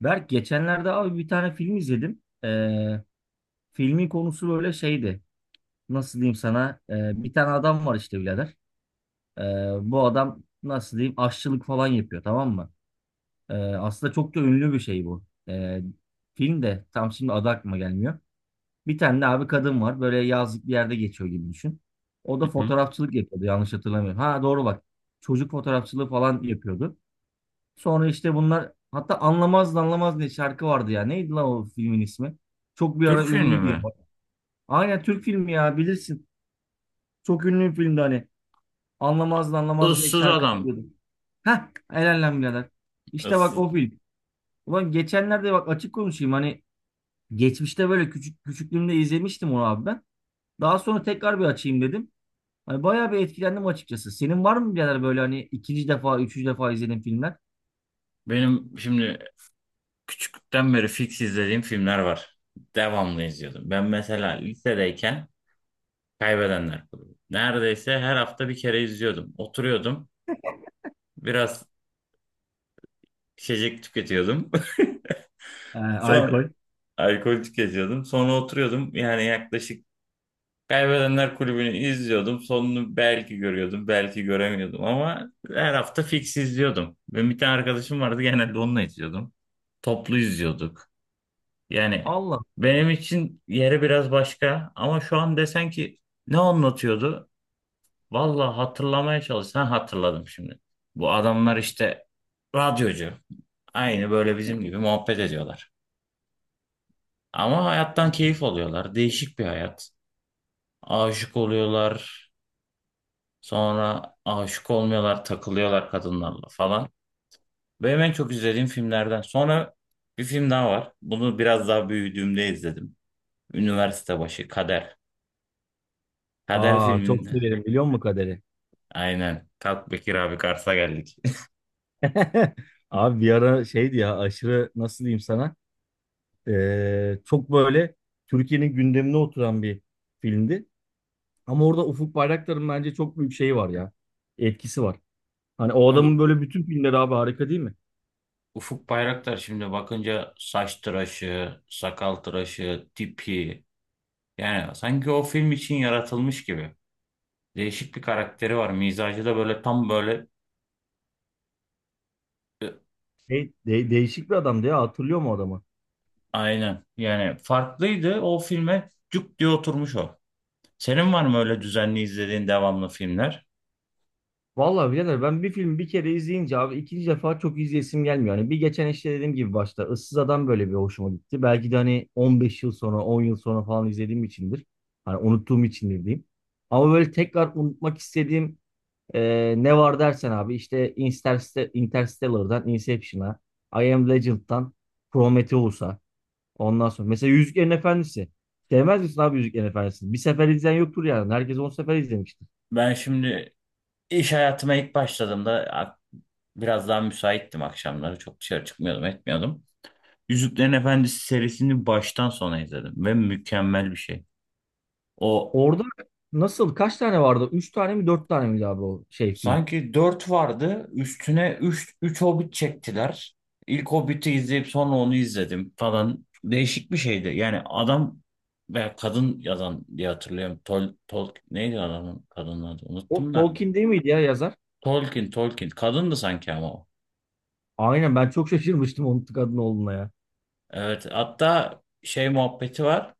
Berk geçenlerde abi bir tane film izledim. Filmin konusu böyle şeydi. Nasıl diyeyim sana? Bir tane adam var işte birader. Ee, Bu adam nasıl diyeyim aşçılık falan yapıyor, tamam mı? Aslında çok da ünlü bir şey bu. Ee, Film de tam şimdi adı aklıma gelmiyor. Bir tane de abi kadın var. Böyle yazlık bir yerde geçiyor gibi düşün. O da Hı? fotoğrafçılık yapıyordu yanlış hatırlamıyorum. Ha doğru bak. Çocuk fotoğrafçılığı falan yapıyordu. Sonra işte bunlar hatta anlamaz da anlamaz diye şarkı vardı ya. Neydi lan o filmin ismi? Çok bir Türk ara filmi ünlüydü ya. mi? Aynen Türk filmi ya, bilirsin. Çok ünlü bir filmdi hani. A- Anlamaz da anlamaz diye Issız şarkı Adam. söylüyordu. Heh, helal lan birader. İşte bak Issız. o film. Ulan geçenlerde bak açık konuşayım, hani geçmişte böyle küçük küçüklüğümde izlemiştim onu abi ben. Daha sonra tekrar bir açayım dedim. Hani bayağı bir etkilendim açıkçası. Senin var mı birader böyle hani ikinci defa, üçüncü defa izlediğin filmler? Benim şimdi küçükten beri fix izlediğim filmler var. Devamlı izliyordum. Ben mesela lisedeyken Kaybedenler Kulübü. Neredeyse her hafta bir kere izliyordum. Oturuyordum. Biraz içecek tüketiyordum. Sonra Alkol. alkol tüketiyordum. Sonra oturuyordum. Yani yaklaşık Kaybedenler Kulübü'nü izliyordum. Sonunu belki görüyordum, belki göremiyordum ama her hafta fix izliyordum. Benim bir tane arkadaşım vardı genelde onunla izliyordum. Toplu izliyorduk. Yani Allah. benim için yeri biraz başka ama şu an desen ki ne anlatıyordu? Vallahi hatırlamaya çalışsan hatırladım şimdi. Bu adamlar işte radyocu. Aynı böyle bizim gibi muhabbet ediyorlar. Ama hayattan keyif alıyorlar. Değişik bir hayat. Aşık oluyorlar. Sonra aşık olmuyorlar, takılıyorlar kadınlarla falan. Benim en çok izlediğim filmlerden. Sonra bir film daha var. Bunu biraz daha büyüdüğümde izledim. Üniversite başı Kader. Kader Aa, çok filminde. severim biliyor musun Kader'i? Aynen. Kalk Bekir abi Kars'a geldik. Abi bir ara şeydi ya, aşırı nasıl diyeyim sana, çok böyle Türkiye'nin gündemine oturan bir filmdi. Ama orada Ufuk Bayraktar'ın bence çok büyük şeyi var ya, etkisi var. Hani o adamın Tabii böyle bütün filmleri abi harika değil mi? Ufuk Bayraktar şimdi bakınca saç tıraşı, sakal tıraşı, tipi. Yani sanki o film için yaratılmış gibi. Değişik bir karakteri var. Mizacı da böyle tam böyle. Şey, değişik bir adamdı ya, hatırlıyor mu adamı? Aynen. Yani farklıydı. O filme cuk diye oturmuş o. Senin var mı öyle düzenli izlediğin devamlı filmler? Vallahi birader, ben bir filmi bir kere izleyince abi ikinci defa çok izleyesim gelmiyor. Hani bir geçen işte dediğim gibi başta Issız Adam böyle bir hoşuma gitti. Belki de hani 15 yıl sonra 10 yıl sonra falan izlediğim içindir. Hani unuttuğum içindir diyeyim. Ama böyle tekrar unutmak istediğim, e, ne var dersen abi işte Interstellar'dan Inception'a, I Am Legend'dan Prometheus'a, ondan sonra. Mesela Yüzüklerin Efendisi. Sevmez misin abi Yüzüklerin Efendisi'ni? Bir sefer izleyen yoktur yani. Herkes 10 sefer izlemiş. Ben şimdi iş hayatıma ilk başladığımda biraz daha müsaittim akşamları. Çok dışarı çıkmıyordum, etmiyordum. Yüzüklerin Efendisi serisini baştan sona izledim ve mükemmel bir şey. O Orada nasıl, kaç tane vardı? Üç tane mi dört tane miydi abi o şey film? Sanki 4 vardı. Üstüne 3 Hobbit çektiler. İlk Hobbit'i izleyip sonra onu izledim falan. Değişik bir şeydi. Yani adam veya kadın yazan diye hatırlıyorum. Tol neydi adamın kadının adı? O Unuttum da. Tolkien değil miydi ya, yazar? Tolkien. Kadındı sanki ama o. Aynen, ben çok şaşırmıştım onun kadın olduğuna ya. Evet, hatta şey muhabbeti var.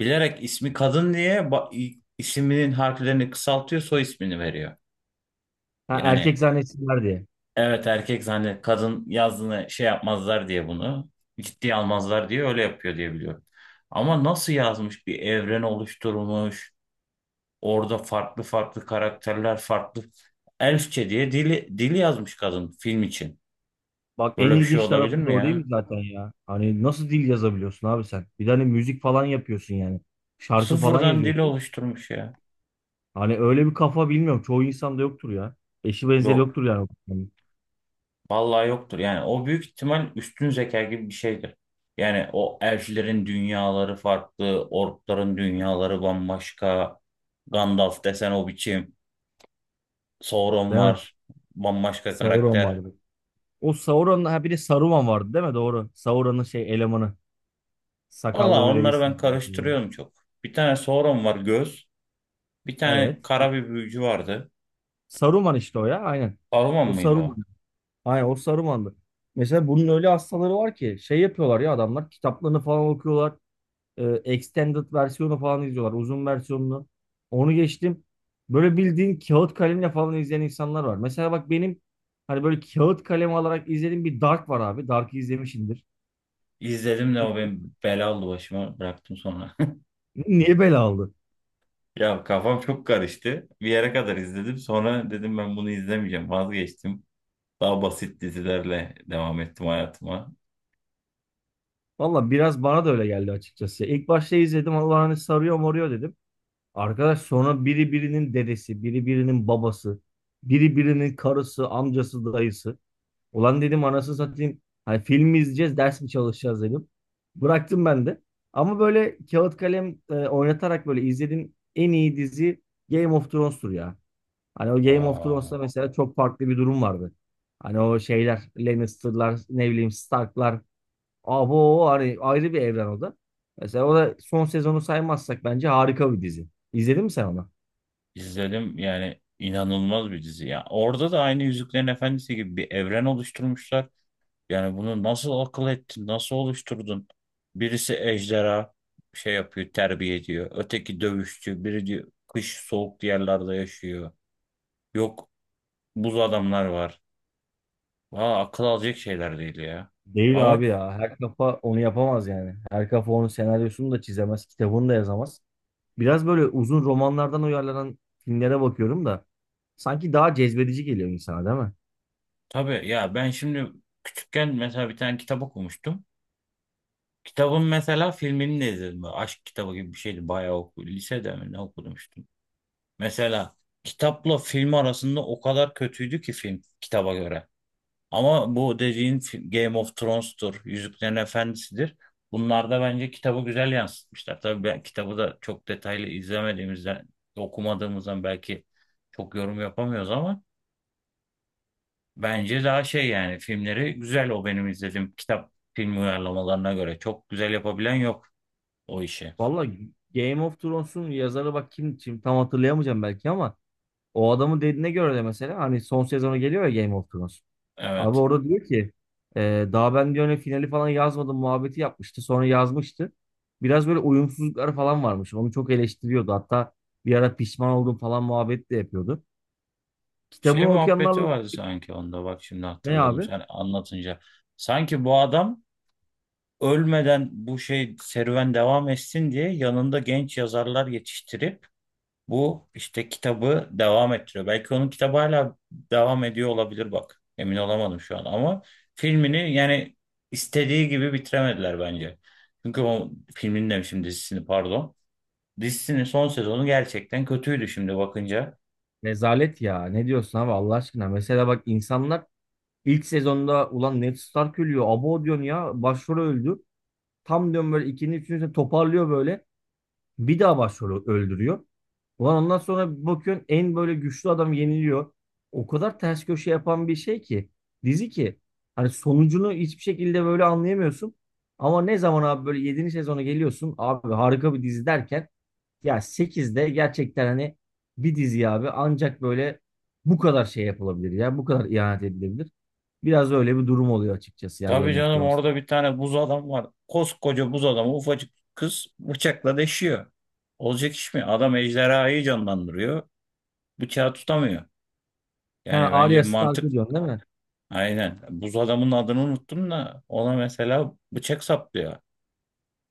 Bilerek ismi kadın diye isminin harflerini kısaltıyor, soy ismini veriyor. Ha, Yani erkek zannetsinler diye. evet, erkek zannet kadın yazdığını şey yapmazlar diye bunu ciddiye almazlar diye öyle yapıyor diye biliyorum. Ama nasıl yazmış bir evren oluşturmuş orada farklı farklı karakterler farklı elfçe diye dili yazmış kadın film için. Bak en Böyle bir şey ilginç olabilir tarafı da mi o değil mi ya? zaten ya? Hani nasıl dil yazabiliyorsun abi sen? Bir tane müzik falan yapıyorsun yani. Şarkı falan Sıfırdan dili yazıyorsun. oluşturmuş ya. Hani öyle bir kafa, bilmiyorum. Çoğu insanda yoktur ya. Eşi benzeri Yok. yoktur yani o kafanın. Vallahi yoktur. Yani o büyük ihtimal üstün zeka gibi bir şeydir. Yani o elflerin dünyaları farklı, orkların dünyaları bambaşka. Gandalf desen o biçim. Sauron Değil mi? var, bambaşka Sauron karakter. vardı. O Sauron'la ha bir de Saruman vardı değil mi? Doğru. Sauron'un şey elemanı. Vallahi Sakallı bir onları reis. ben karıştırıyorum çok. Bir tane Sauron var, göz. Bir Evet. tane kara bir büyücü vardı. Saruman işte o ya. Aynen. Saruman O mıydı Saruman. o? Aynen, o Saruman'dı. Mesela bunun öyle hastaları var ki şey yapıyorlar ya, adamlar kitaplarını falan okuyorlar. Extended versiyonu falan izliyorlar. Uzun versiyonunu. Onu geçtim. Böyle bildiğin kağıt kalemle falan izleyen insanlar var. Mesela bak benim hani böyle kağıt kalem alarak izlediğim bir Dark var abi. Dark'ı izlemişsindir. İzledim de o benim bela oldu başıma, bıraktım sonra. Niye bela aldı? Ya kafam çok karıştı. Bir yere kadar izledim. Sonra dedim ben bunu izlemeyeceğim. Vazgeçtim. Daha basit dizilerle devam ettim hayatıma. Valla biraz bana da öyle geldi açıkçası. İlk başta izledim, Allah'ını sarıyor moruyor dedim. Arkadaş sonra biri birinin dedesi, biri birinin babası, biri birinin karısı, amcası, dayısı. Ulan dedim anasını satayım. Hani film mi izleyeceğiz, ders mi çalışacağız dedim. Bıraktım ben de. Ama böyle kağıt kalem oynatarak böyle izlediğim en iyi dizi Game of Thrones'tur ya. Hani o Game of Aa, Thrones'ta mesela çok farklı bir durum vardı. Hani o şeyler, Lannister'lar, ne bileyim Stark'lar. Abo, hani ayrı bir evren o da. Mesela o da son sezonu saymazsak bence harika bir dizi. İzledin mi sen onu? izledim yani inanılmaz bir dizi ya. Orada da aynı Yüzüklerin Efendisi gibi bir evren oluşturmuşlar. Yani bunu nasıl akıl ettin, nasıl oluşturdun? Birisi ejderha şey yapıyor, terbiye ediyor. Öteki dövüşçü, biri diyor, kış soğuk yerlerde yaşıyor. Yok, buz adamlar var. Valla akıl alacak şeyler değil ya. Değil Ama abi ya. Her kafa onu yapamaz yani. Her kafa onun senaryosunu da çizemez, kitabını da yazamaz. Biraz böyle uzun romanlardan uyarlanan filmlere bakıyorum da sanki daha cezbedici geliyor insana değil mi? tabii ya, ben şimdi küçükken mesela bir tane kitap okumuştum. Kitabın mesela filmini de izledim. Böyle aşk kitabı gibi bir şeydi. Bayağı oku lisede mi ne okumuştum. Mesela kitapla film arasında o kadar kötüydü ki film kitaba göre. Ama bu dediğin film, Game of Thrones'tur, Yüzüklerin Efendisi'dir. Bunlarda bence kitabı güzel yansıtmışlar. Tabii ben kitabı da çok detaylı izlemediğimizden, okumadığımızdan belki çok yorum yapamıyoruz ama bence daha şey, yani filmleri güzel o benim izlediğim kitap film uyarlamalarına göre. Çok güzel yapabilen yok o işi. Vallahi Game of Thrones'un yazarı bak kim, kim tam hatırlayamayacağım belki ama o adamın dediğine göre de mesela hani son sezonu geliyor ya Game of Thrones. Abi Evet. orada diyor ki daha ben diyor hani finali falan yazmadım muhabbeti yapmıştı. Sonra yazmıştı. Biraz böyle uyumsuzluklar falan varmış. Onu çok eleştiriyordu. Hatta bir ara pişman oldum falan muhabbet de yapıyordu. Şey Kitabını okuyanlar muhabbeti da vardı sanki onda, bak şimdi ne hatırladım abi? sen anlatınca. Sanki bu adam ölmeden bu şey serüven devam etsin diye yanında genç yazarlar yetiştirip bu işte kitabı devam ettiriyor. Belki onun kitabı hala devam ediyor olabilir bak. Emin olamadım şu an ama filmini yani istediği gibi bitiremediler bence. Çünkü o filmin demişim, dizisini pardon. Dizisinin son sezonu gerçekten kötüydü şimdi bakınca. Rezalet ya. Ne diyorsun abi Allah aşkına? Mesela bak insanlar ilk sezonda ulan Ned Stark ölüyor. Abo diyorsun ya. Başrol öldü. Tam diyorum böyle ikinci, üçüncü sezon toparlıyor böyle. Bir daha başrolü öldürüyor. Ulan ondan sonra bakıyorsun en böyle güçlü adam yeniliyor. O kadar ters köşe yapan bir şey ki, dizi ki, hani sonucunu hiçbir şekilde böyle anlayamıyorsun. Ama ne zaman abi böyle 7. sezona geliyorsun abi harika bir dizi derken, ya 8'de gerçekten hani bir dizi abi ancak böyle bu kadar şey yapılabilir ya, bu kadar ihanet edilebilir. Biraz öyle bir durum oluyor açıkçası ya Tabii Game of canım, Thrones. orada bir tane buz adam var. Koskoca buz adamı ufacık kız bıçakla deşiyor. Olacak iş mi? Adam ejderhayı canlandırıyor. Bıçağı tutamıyor. Ha Yani bence Arya mantık Stark'ı diyorsun değil mi? aynen. Buz adamın adını unuttum da ona mesela bıçak saplıyor.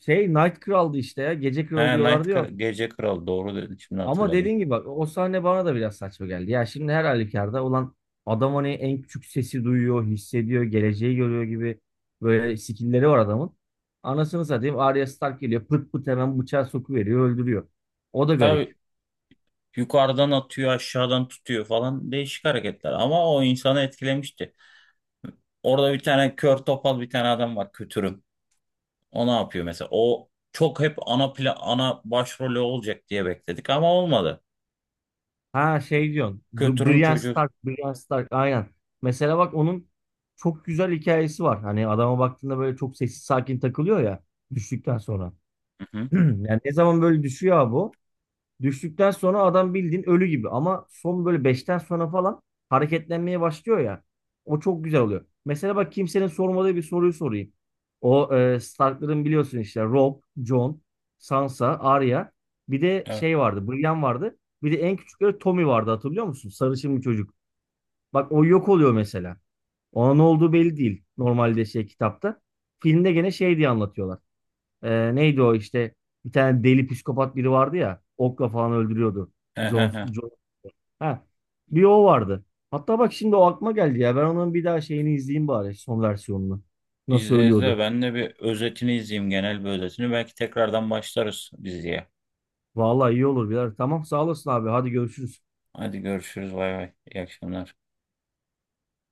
Şey Night Kral'dı işte ya. Gece He, Kralı diyorlar diyor. Gece Kralı, doğru dedin şimdi Ama hatırladım. dediğin gibi bak o sahne bana da biraz saçma geldi. Ya şimdi her halükarda olan adam hani en küçük sesi duyuyor, hissediyor, geleceği görüyor gibi, böyle skillleri var adamın. Anasını satayım Arya Stark geliyor pıt pıt hemen bıçağı sokuveriyor, öldürüyor. O da garip. Tabii yukarıdan atıyor aşağıdan tutuyor falan, değişik hareketler. Ama o insanı etkilemişti. Orada bir tane kör topal bir tane adam var, kötürüm. O ne yapıyor mesela? O çok hep ana başrolü olacak diye bekledik ama olmadı. Ha Kö- şey diyorsun, Kötürüm Brienne çocuğu. Stark, Brienne Stark, aynen. Mesela bak onun çok güzel hikayesi var. Hani adama baktığında böyle çok sessiz sakin takılıyor ya düştükten sonra. Hı hı. Yani ne zaman böyle düşüyor abi o? Düştükten sonra adam bildiğin ölü gibi ama son böyle beşten sonra falan hareketlenmeye başlıyor ya. O çok güzel oluyor. Mesela bak kimsenin sormadığı bir soruyu sorayım. O Stark'ların biliyorsun işte Robb, Jon, Sansa, Arya. Bir de Evet. şey vardı, Brienne vardı. Bir de en küçükleri Tommy vardı hatırlıyor musun? Sarışın bir çocuk. Bak o yok oluyor mesela. Ona ne olduğu belli değil normalde şey kitapta. Filmde gene şey diye anlatıyorlar. Neydi o işte, bir tane deli psikopat biri vardı ya okla falan öldürüyordu. He he he. John. Ha, bir o vardı. Hatta bak şimdi o aklıma geldi ya. Ben onun bir daha şeyini izleyeyim bari, son versiyonunu. Nasıl İzle izle. ölüyordu. Ben de bir özetini izleyeyim. Genel bir özetini. Belki tekrardan başlarız diziye. Vallahi iyi olur birader. Tamam sağ olasın abi. Hadi görüşürüz. Hadi görüşürüz. Bay bay. İyi akşamlar.